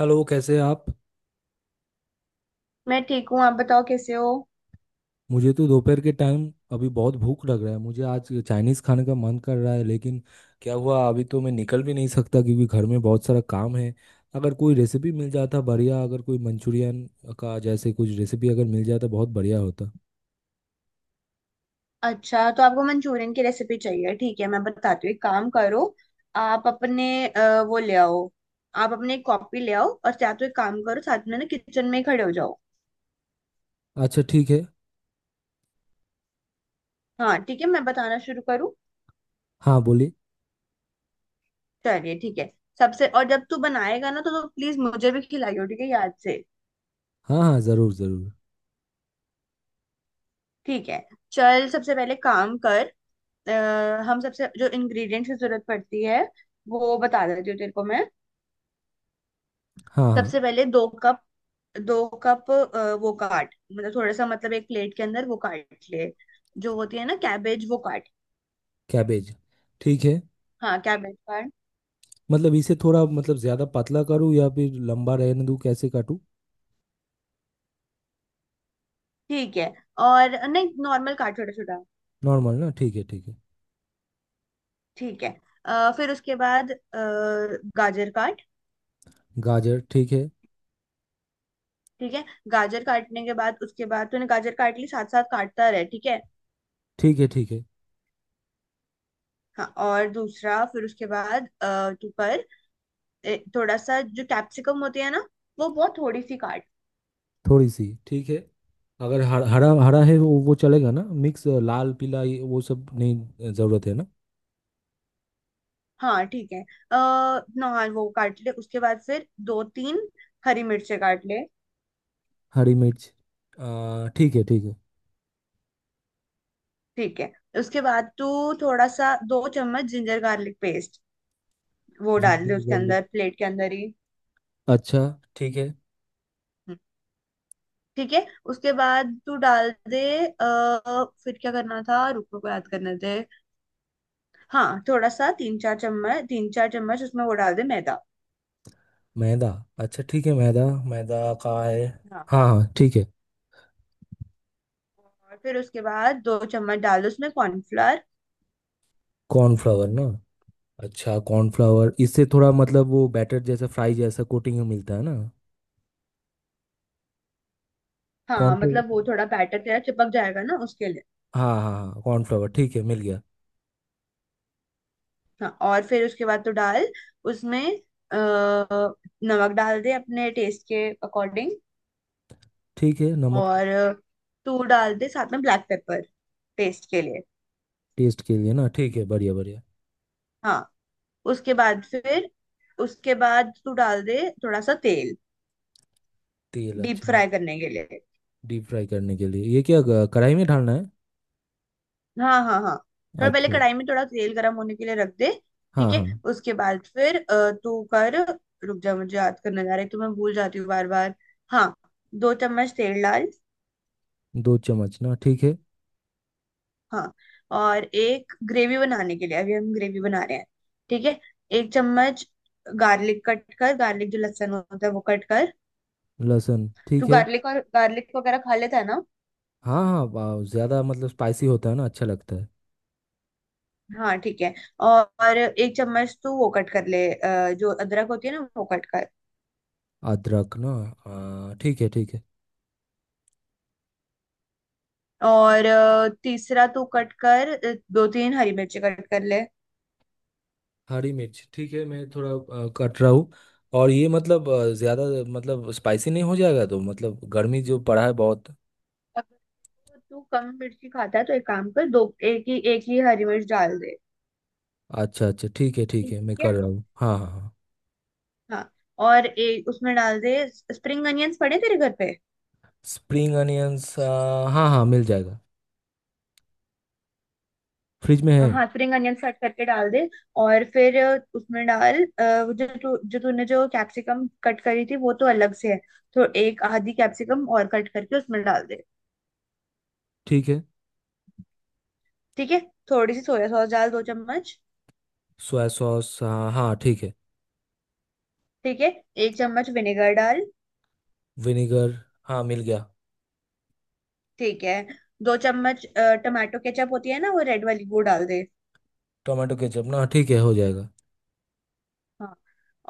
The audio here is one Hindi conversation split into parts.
हेलो कैसे हैं आप। मैं ठीक हूँ। आप बताओ कैसे हो। मुझे तो दोपहर के टाइम अभी बहुत भूख लग रहा है। मुझे आज चाइनीज़ खाने का मन कर रहा है, लेकिन क्या हुआ, अभी तो मैं निकल भी नहीं सकता क्योंकि घर में बहुत सारा काम है। अगर कोई रेसिपी मिल जाता बढ़िया। अगर कोई मंचूरियन का जैसे कुछ रेसिपी अगर मिल जाता बहुत बढ़िया होता। अच्छा, तो आपको मंचूरियन की रेसिपी चाहिए। ठीक है, मैं बताती हूँ। एक काम करो, आप अपने वो ले आओ। आप अपने एक कॉपी ले आओ, और या तो एक काम करो, साथ में ना किचन में ही खड़े हो जाओ। अच्छा ठीक है। हाँ ठीक है, मैं बताना शुरू करूँ। हाँ बोलिए। चलिए ठीक है। सबसे और जब तू बनाएगा ना तो प्लीज मुझे भी खिलाइयो, ठीक है, याद से। हाँ हाँ ज़रूर ज़रूर। ठीक है, चल सबसे पहले काम कर। हम सबसे जो इंग्रेडिएंट्स की जरूरत पड़ती है वो बता देती हूँ तेरे को मैं। हाँ हाँ। सबसे पहले 2 कप, 2 कप वो काट, मतलब थोड़ा सा, मतलब एक प्लेट के अंदर वो काट ले। जो होती है ना कैबेज, वो काट। कैबेज, ठीक है। हाँ, कैबेज काट। मतलब इसे थोड़ा मतलब ज़्यादा पतला करूँ या फिर लंबा रहने दूँ, कैसे काटूँ? ठीक है, और नहीं, नॉर्मल काट, छोटा छोटा। नॉर्मल ना, ठीक है ठीक है। ठीक है। फिर उसके बाद गाजर काट। गाजर, ठीक है ठीक है, गाजर काटने के बाद, उसके बाद तूने गाजर काट ली, साथ साथ काटता रहे। ठीक है। ठीक है ठीक है। हाँ, और दूसरा फिर उसके बाद तू कर। थोड़ा सा जो कैप्सिकम होती है ना, वो बहुत थोड़ी सी काट। थोड़ी सी ठीक है। अगर हर, हरा हरा है, वो चलेगा ना। मिक्स लाल पीला ये वो सब नहीं ज़रूरत है ना। हाँ ठीक है। अः नॉन वो काट ले। उसके बाद फिर 2-3 हरी मिर्चें काट ले। हरी मिर्च। ठीक है ठीक है। ठीक है। उसके बाद तू थोड़ा सा 2 चम्मच जिंजर गार्लिक पेस्ट वो डाल दे, जिंजर उसके गार्लिक, अंदर, प्लेट के अंदर ही। अच्छा ठीक है। हम्म, ठीक है, उसके बाद तू डाल दे। अः फिर क्या करना था, रुक रुक याद करने दे। हाँ, थोड़ा सा 3-4 चम्मच, 3-4 चम्मच उसमें वो डाल दे, मैदा। मैदा, अच्छा ठीक है। मैदा, मैदा का है? हाँ, हाँ हाँ ठीक है। और फिर उसके बाद 2 चम्मच डाल दो उसमें कॉर्नफ्लोर। कॉर्नफ्लावर ना? अच्छा कॉर्नफ्लावर, इससे थोड़ा मतलब वो बैटर जैसा फ्राई जैसा कोटिंग मिलता है ना। हाँ, कॉर्नफ्लावर, मतलब वो थोड़ा बैटर तेरा चिपक जाएगा ना, उसके लिए। हाँ हाँ हाँ कॉर्नफ्लावर, ठीक है, मिल गया। हाँ, और फिर उसके बाद तो डाल उसमें अ, नमक डाल दे अपने टेस्ट के अकॉर्डिंग। ठीक है, नमक। और तू डाल दे साथ में ब्लैक पेपर टेस्ट के लिए। टेस्ट के लिए ना, ठीक है, बढ़िया बढ़िया। हाँ, उसके बाद फिर उसके बाद तू डाल दे थोड़ा सा तेल, तेल, डीप अच्छा। फ्राई करने के लिए। डीप फ्राई करने के लिए, ये क्या, कढ़ाई में डालना है? हाँ हाँ हाँ, थोड़ा पहले अच्छा। कढ़ाई में थोड़ा तेल गर्म होने के लिए रख दे। हाँ ठीक है, हाँ। उसके बाद फिर तू कर। रुक जा, मुझे याद करने जा रहा है तो मैं भूल जाती हूँ बार बार। हाँ, 2 चम्मच तेल डाल। दो चम्मच ना, ठीक है। हाँ, और एक ग्रेवी बनाने के लिए, अभी हम ग्रेवी बना रहे हैं, ठीक है, 1 चम्मच गार्लिक कट कर, गार्लिक जो लहसुन होता है वो कट कर। लहसुन, तू ठीक है। गार्लिक और गार्लिक वगैरह खा लेता है ना। हाँ हाँ, ज़्यादा मतलब स्पाइसी होता है ना, अच्छा लगता है। हाँ ठीक है। और 1 चम्मच तू वो कट कर ले, जो अदरक होती है ना, वो कट कर। अदरक ना, ठीक है ठीक है। और तीसरा तू कट कर, 2-3 हरी मिर्ची कट कर ले। हरी मिर्च ठीक है, मैं थोड़ा कट रहा हूँ। और ये मतलब ज़्यादा मतलब स्पाइसी नहीं हो जाएगा तो? मतलब गर्मी जो पड़ा है बहुत। अगर तू कम मिर्ची खाता है तो एक काम कर, दो, एक ही हरी मिर्च डाल दे। अच्छा अच्छा, ठीक है ठीक ठीक है, मैं है। कर रहा हूँ, हाँ हाँ हाँ। हाँ, और एक उसमें डाल दे, स्प्रिंग अनियंस पड़े तेरे घर पे। स्प्रिंग अनियंस, हाँ हाँ मिल जाएगा, फ्रिज में है। हाँ, स्प्रिंग अनियंस कट करके डाल दे। और फिर उसमें डाल वो जो तू जो तूने जो कैप्सिकम कट करी थी वो तो अलग से है। तो एक आधी कैप्सिकम और कट करके उसमें डाल दे। ठीक है। ठीक है, थोड़ी सी सोया सॉस डाल, 2 चम्मच। सोया सॉस, हाँ हाँ ठीक है। ठीक है, 1 चम्मच विनेगर डाल। विनेगर, हाँ मिल गया। ठीक है, 2 चम्मच टमाटो केचप होती है ना, वो रेड वाली, वो डाल दे। टोमेटो केचप ना, ठीक है, हो जाएगा। हाँ,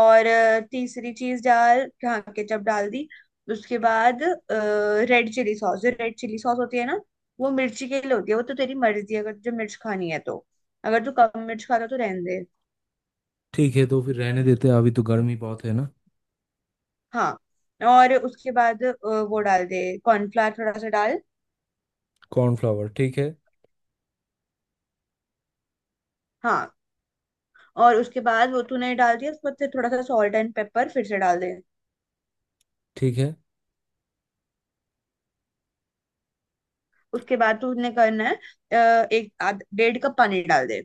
और तीसरी चीज डाल, ढाक के जब डाल दी उसके बाद रेड चिली सॉस, जो रेड चिली सॉस होती है ना, वो मिर्ची के लिए होती है, वो तो तेरी मर्जी है, अगर तुझे मिर्च खानी है तो, अगर तू कम मिर्च खाता तो रहने दे। ठीक है, तो फिर रहने देते हैं, अभी तो गर्मी बहुत है ना। हाँ, और उसके बाद वो डाल दे कॉर्नफ्लावर, थोड़ा सा डाल। कॉर्नफ्लावर, ठीक है हाँ, और उसके बाद वो तूने डाल दिया, उसके बाद फिर थोड़ा सा सॉल्ट एंड पेपर फिर से डाल दे। ठीक है। उसके बाद तूने करना है, एक आध 1.5 कप पानी डाल दे।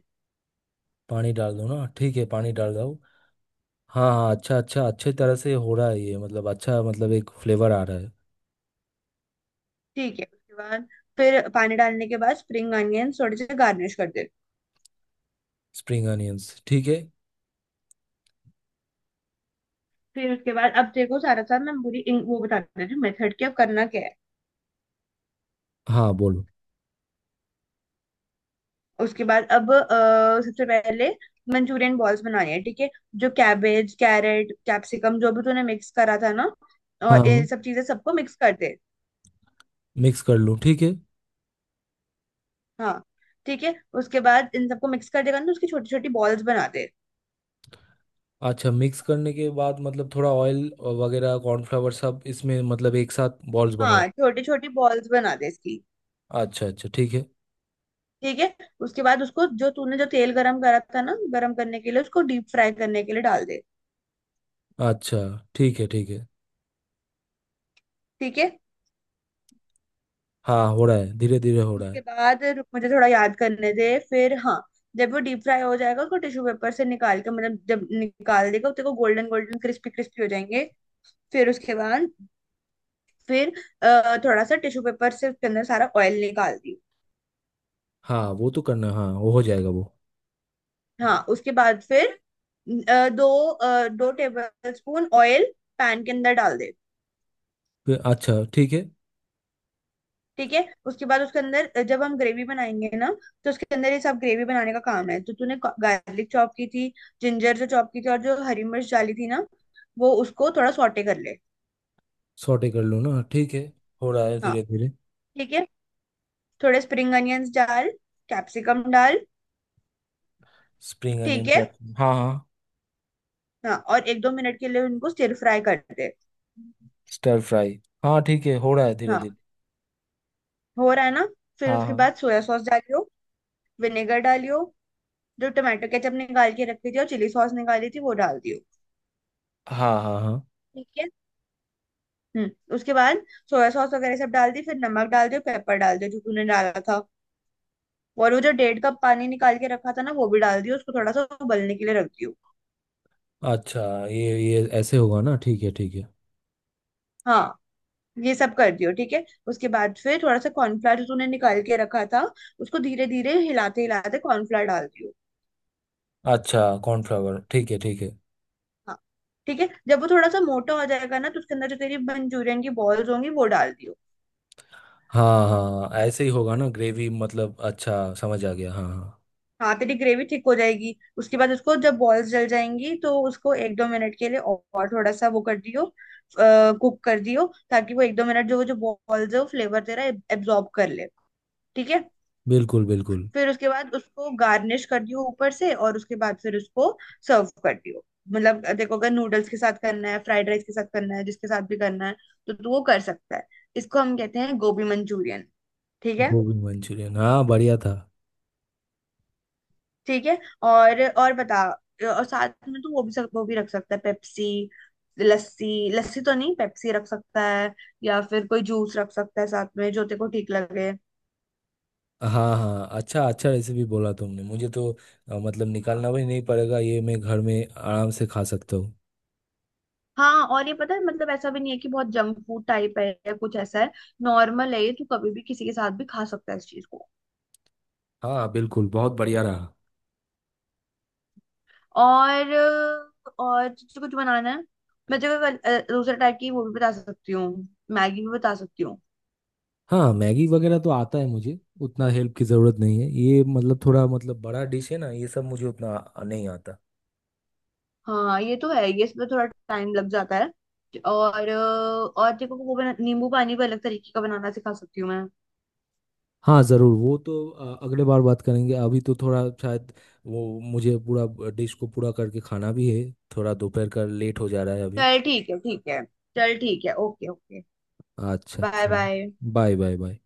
पानी डाल दो ना, ठीक है, पानी डाल दो। हाँ हाँ, अच्छा अच्छा, अच्छे तरह से हो रहा है ये, मतलब अच्छा, मतलब एक फ्लेवर आ रहा है। ठीक है, उसके बाद फिर पानी डालने के बाद स्प्रिंग अनियंस थोड़े से गार्निश कर दे। स्प्रिंग अनियंस, ठीक है। फिर उसके बाद अब देखो सारा साथ मैं पूरी वो बता देती हूँ मेथड की, अब करना क्या है। हाँ बोलो। उसके बाद, अब सबसे पहले मंचूरियन बॉल्स बनानी है, ठीक है। जो कैबेज, कैरेट, कैप्सिकम जो भी तूने मिक्स करा था ना, हाँ और ये हाँ, सब चीजें सबको मिक्स कर दे। मिक्स कर लूँ, ठीक है। हाँ ठीक है, उसके बाद इन सबको मिक्स कर देगा ना तो उसकी छोटी छोटी बॉल्स बना दे। अच्छा, मिक्स करने के बाद मतलब थोड़ा ऑयल वगैरह कॉर्नफ्लावर सब इसमें, मतलब एक साथ बॉल्स बनाओ? हाँ, छोटी छोटी बॉल्स बना दे इसकी। अच्छा अच्छा, ठीक है। ठीक है, उसके बाद उसको जो तूने जो तेल गरम करा था ना, गरम करने के लिए, उसको डीप फ्राई करने के लिए डाल दे। अच्छा, ठीक है ठीक है। ठीक है, हाँ हो रहा है, धीरे धीरे हो रहा उसके है। बाद रुक मुझे थोड़ा याद करने दे फिर। हाँ, जब वो डीप फ्राई हो जाएगा, उसको टिश्यू पेपर से निकाल के, मतलब जब निकाल देगा तो गोल्डन गोल्डन क्रिस्पी क्रिस्पी हो जाएंगे। फिर उसके बाद फिर थोड़ा सा टिश्यू पेपर से उसके अंदर सारा ऑयल निकाल दी। हाँ वो तो करना, हाँ वो हो जाएगा वो। हाँ, उसके बाद फिर 2 टेबल स्पून ऑयल पैन के अंदर डाल दे। फिर, अच्छा ठीक है। ठीक है, उसके बाद उसके अंदर जब हम ग्रेवी बनाएंगे ना, तो उसके अंदर ये सब ग्रेवी बनाने का काम है। तो तूने गार्लिक चॉप की थी, जिंजर जो चॉप की थी, और जो हरी मिर्च डाली थी ना, वो उसको थोड़ा सॉटे कर ले। सॉटे कर लो ना, ठीक है, हो रहा है हाँ धीरे धीरे। ठीक है, थोड़े स्प्रिंग अनियंस डाल, कैप्सिकम डाल। स्प्रिंग अनियन ठीक है, कैप्सिकम, हाँ हाँ। हाँ, और 1-2 मिनट के लिए उनको स्टिर फ्राई कर दे। स्टर फ्राई, हाँ ठीक है, हो रहा है धीरे हाँ, धीरे। हो रहा है ना। फिर हाँ उसके हाँ बाद सोया सॉस डालियो, विनेगर डालियो, जो टमाटो केचप निकाल के रखी थी और चिली सॉस निकाली थी वो डाल दियो। हाँ। हाँ हाँ। ठीक है। हम्म, उसके बाद सोया सॉस वगैरह सब डाल दी, फिर नमक डाल दिया, पेपर डाल दिया जो तूने डाला था। और वो जो 1.5 कप पानी निकाल के रखा था ना, वो भी डाल दियो, उसको थोड़ा सा उबलने के लिए रख दियो। अच्छा, ये ऐसे होगा ना, ठीक है ठीक है। हाँ, ये सब कर दियो ठीक है। उसके बाद फिर थोड़ा सा कॉर्नफ्लावर जो तूने निकाल के रखा था, उसको धीरे धीरे हिलाते हिलाते कॉर्नफ्लावर डाल दियो। अच्छा कॉर्नफ्लावर, ठीक है ठीक है। हाँ ठीक है, जब वो थोड़ा सा मोटा हो जाएगा ना, तो उसके अंदर जो तेरी मंचूरियन की बॉल्स होंगी वो डाल दियो। हाँ हाँ, ऐसे ही होगा ना ग्रेवी, मतलब अच्छा समझ आ गया, हाँ हाँ। हाँ, तेरी ग्रेवी ठीक हो जाएगी। उसके बाद उसको जब बॉल्स जल जाएंगी तो उसको 1-2 मिनट के लिए और थोड़ा सा वो कर दियो, कुक कर दियो, ताकि वो 1-2 मिनट जो वो जो बॉल्स है वो फ्लेवर तेरा एब्जॉर्ब कर ले। ठीक है। बिल्कुल बिल्कुल। फिर उसके बाद उसको गार्निश कर दियो ऊपर से, और उसके बाद फिर उसको सर्व कर दियो। मतलब देखो, अगर नूडल्स के साथ करना है, फ्राइड राइस के साथ करना है, जिसके साथ भी करना है, तो तू वो कर सकता है। इसको हम कहते हैं गोभी मंचूरियन। ठीक है, गोभी मंचूरियन, हाँ बढ़िया था। ठीक है, और बता। और साथ में तो वो भी वो भी रख सकता है, पेप्सी। लस्सी, लस्सी तो नहीं, पेप्सी रख सकता है, या फिर कोई जूस रख सकता है साथ में जो तेरे को ठीक लगे। हाँ हाँ, अच्छा अच्छा रेसिपी बोला तुमने मुझे तो। मतलब हाँ निकालना भी नहीं पड़ेगा ये, मैं घर में आराम से खा सकता हूँ। हाँ, और ये पता है, मतलब ऐसा भी नहीं है कि बहुत जंक फूड टाइप है या कुछ ऐसा है। नॉर्मल है ये, तू कभी भी किसी के साथ भी खा सकता है इस चीज को। हाँ बिल्कुल, बहुत बढ़िया रहा। और और तुझे कुछ बनाना है? मैं तेरे को दूसरे टाइप की वो भी बता सकती हूँ, मैगी भी बता सकती हूँ। हाँ मैगी वगैरह तो आता है मुझे, उतना हेल्प की ज़रूरत नहीं है। ये मतलब थोड़ा मतलब बड़ा डिश है ना ये सब, मुझे उतना नहीं आता। हाँ ये तो है, ये इसमें थोड़ा टाइम लग जाता है। और और देखो, वो नींबू पानी भी अलग तरीके का बनाना सिखा सकती हूँ मैं। हाँ ज़रूर, वो तो अगले बार बात करेंगे। अभी तो थोड़ा शायद वो मुझे पूरा डिश को पूरा करके खाना भी है, थोड़ा दोपहर का लेट हो जा रहा है अभी। चल ठीक है, ठीक है। चल ठीक है, ओके ओके। अच्छा बाय चलो, बाय। Bye bye bye.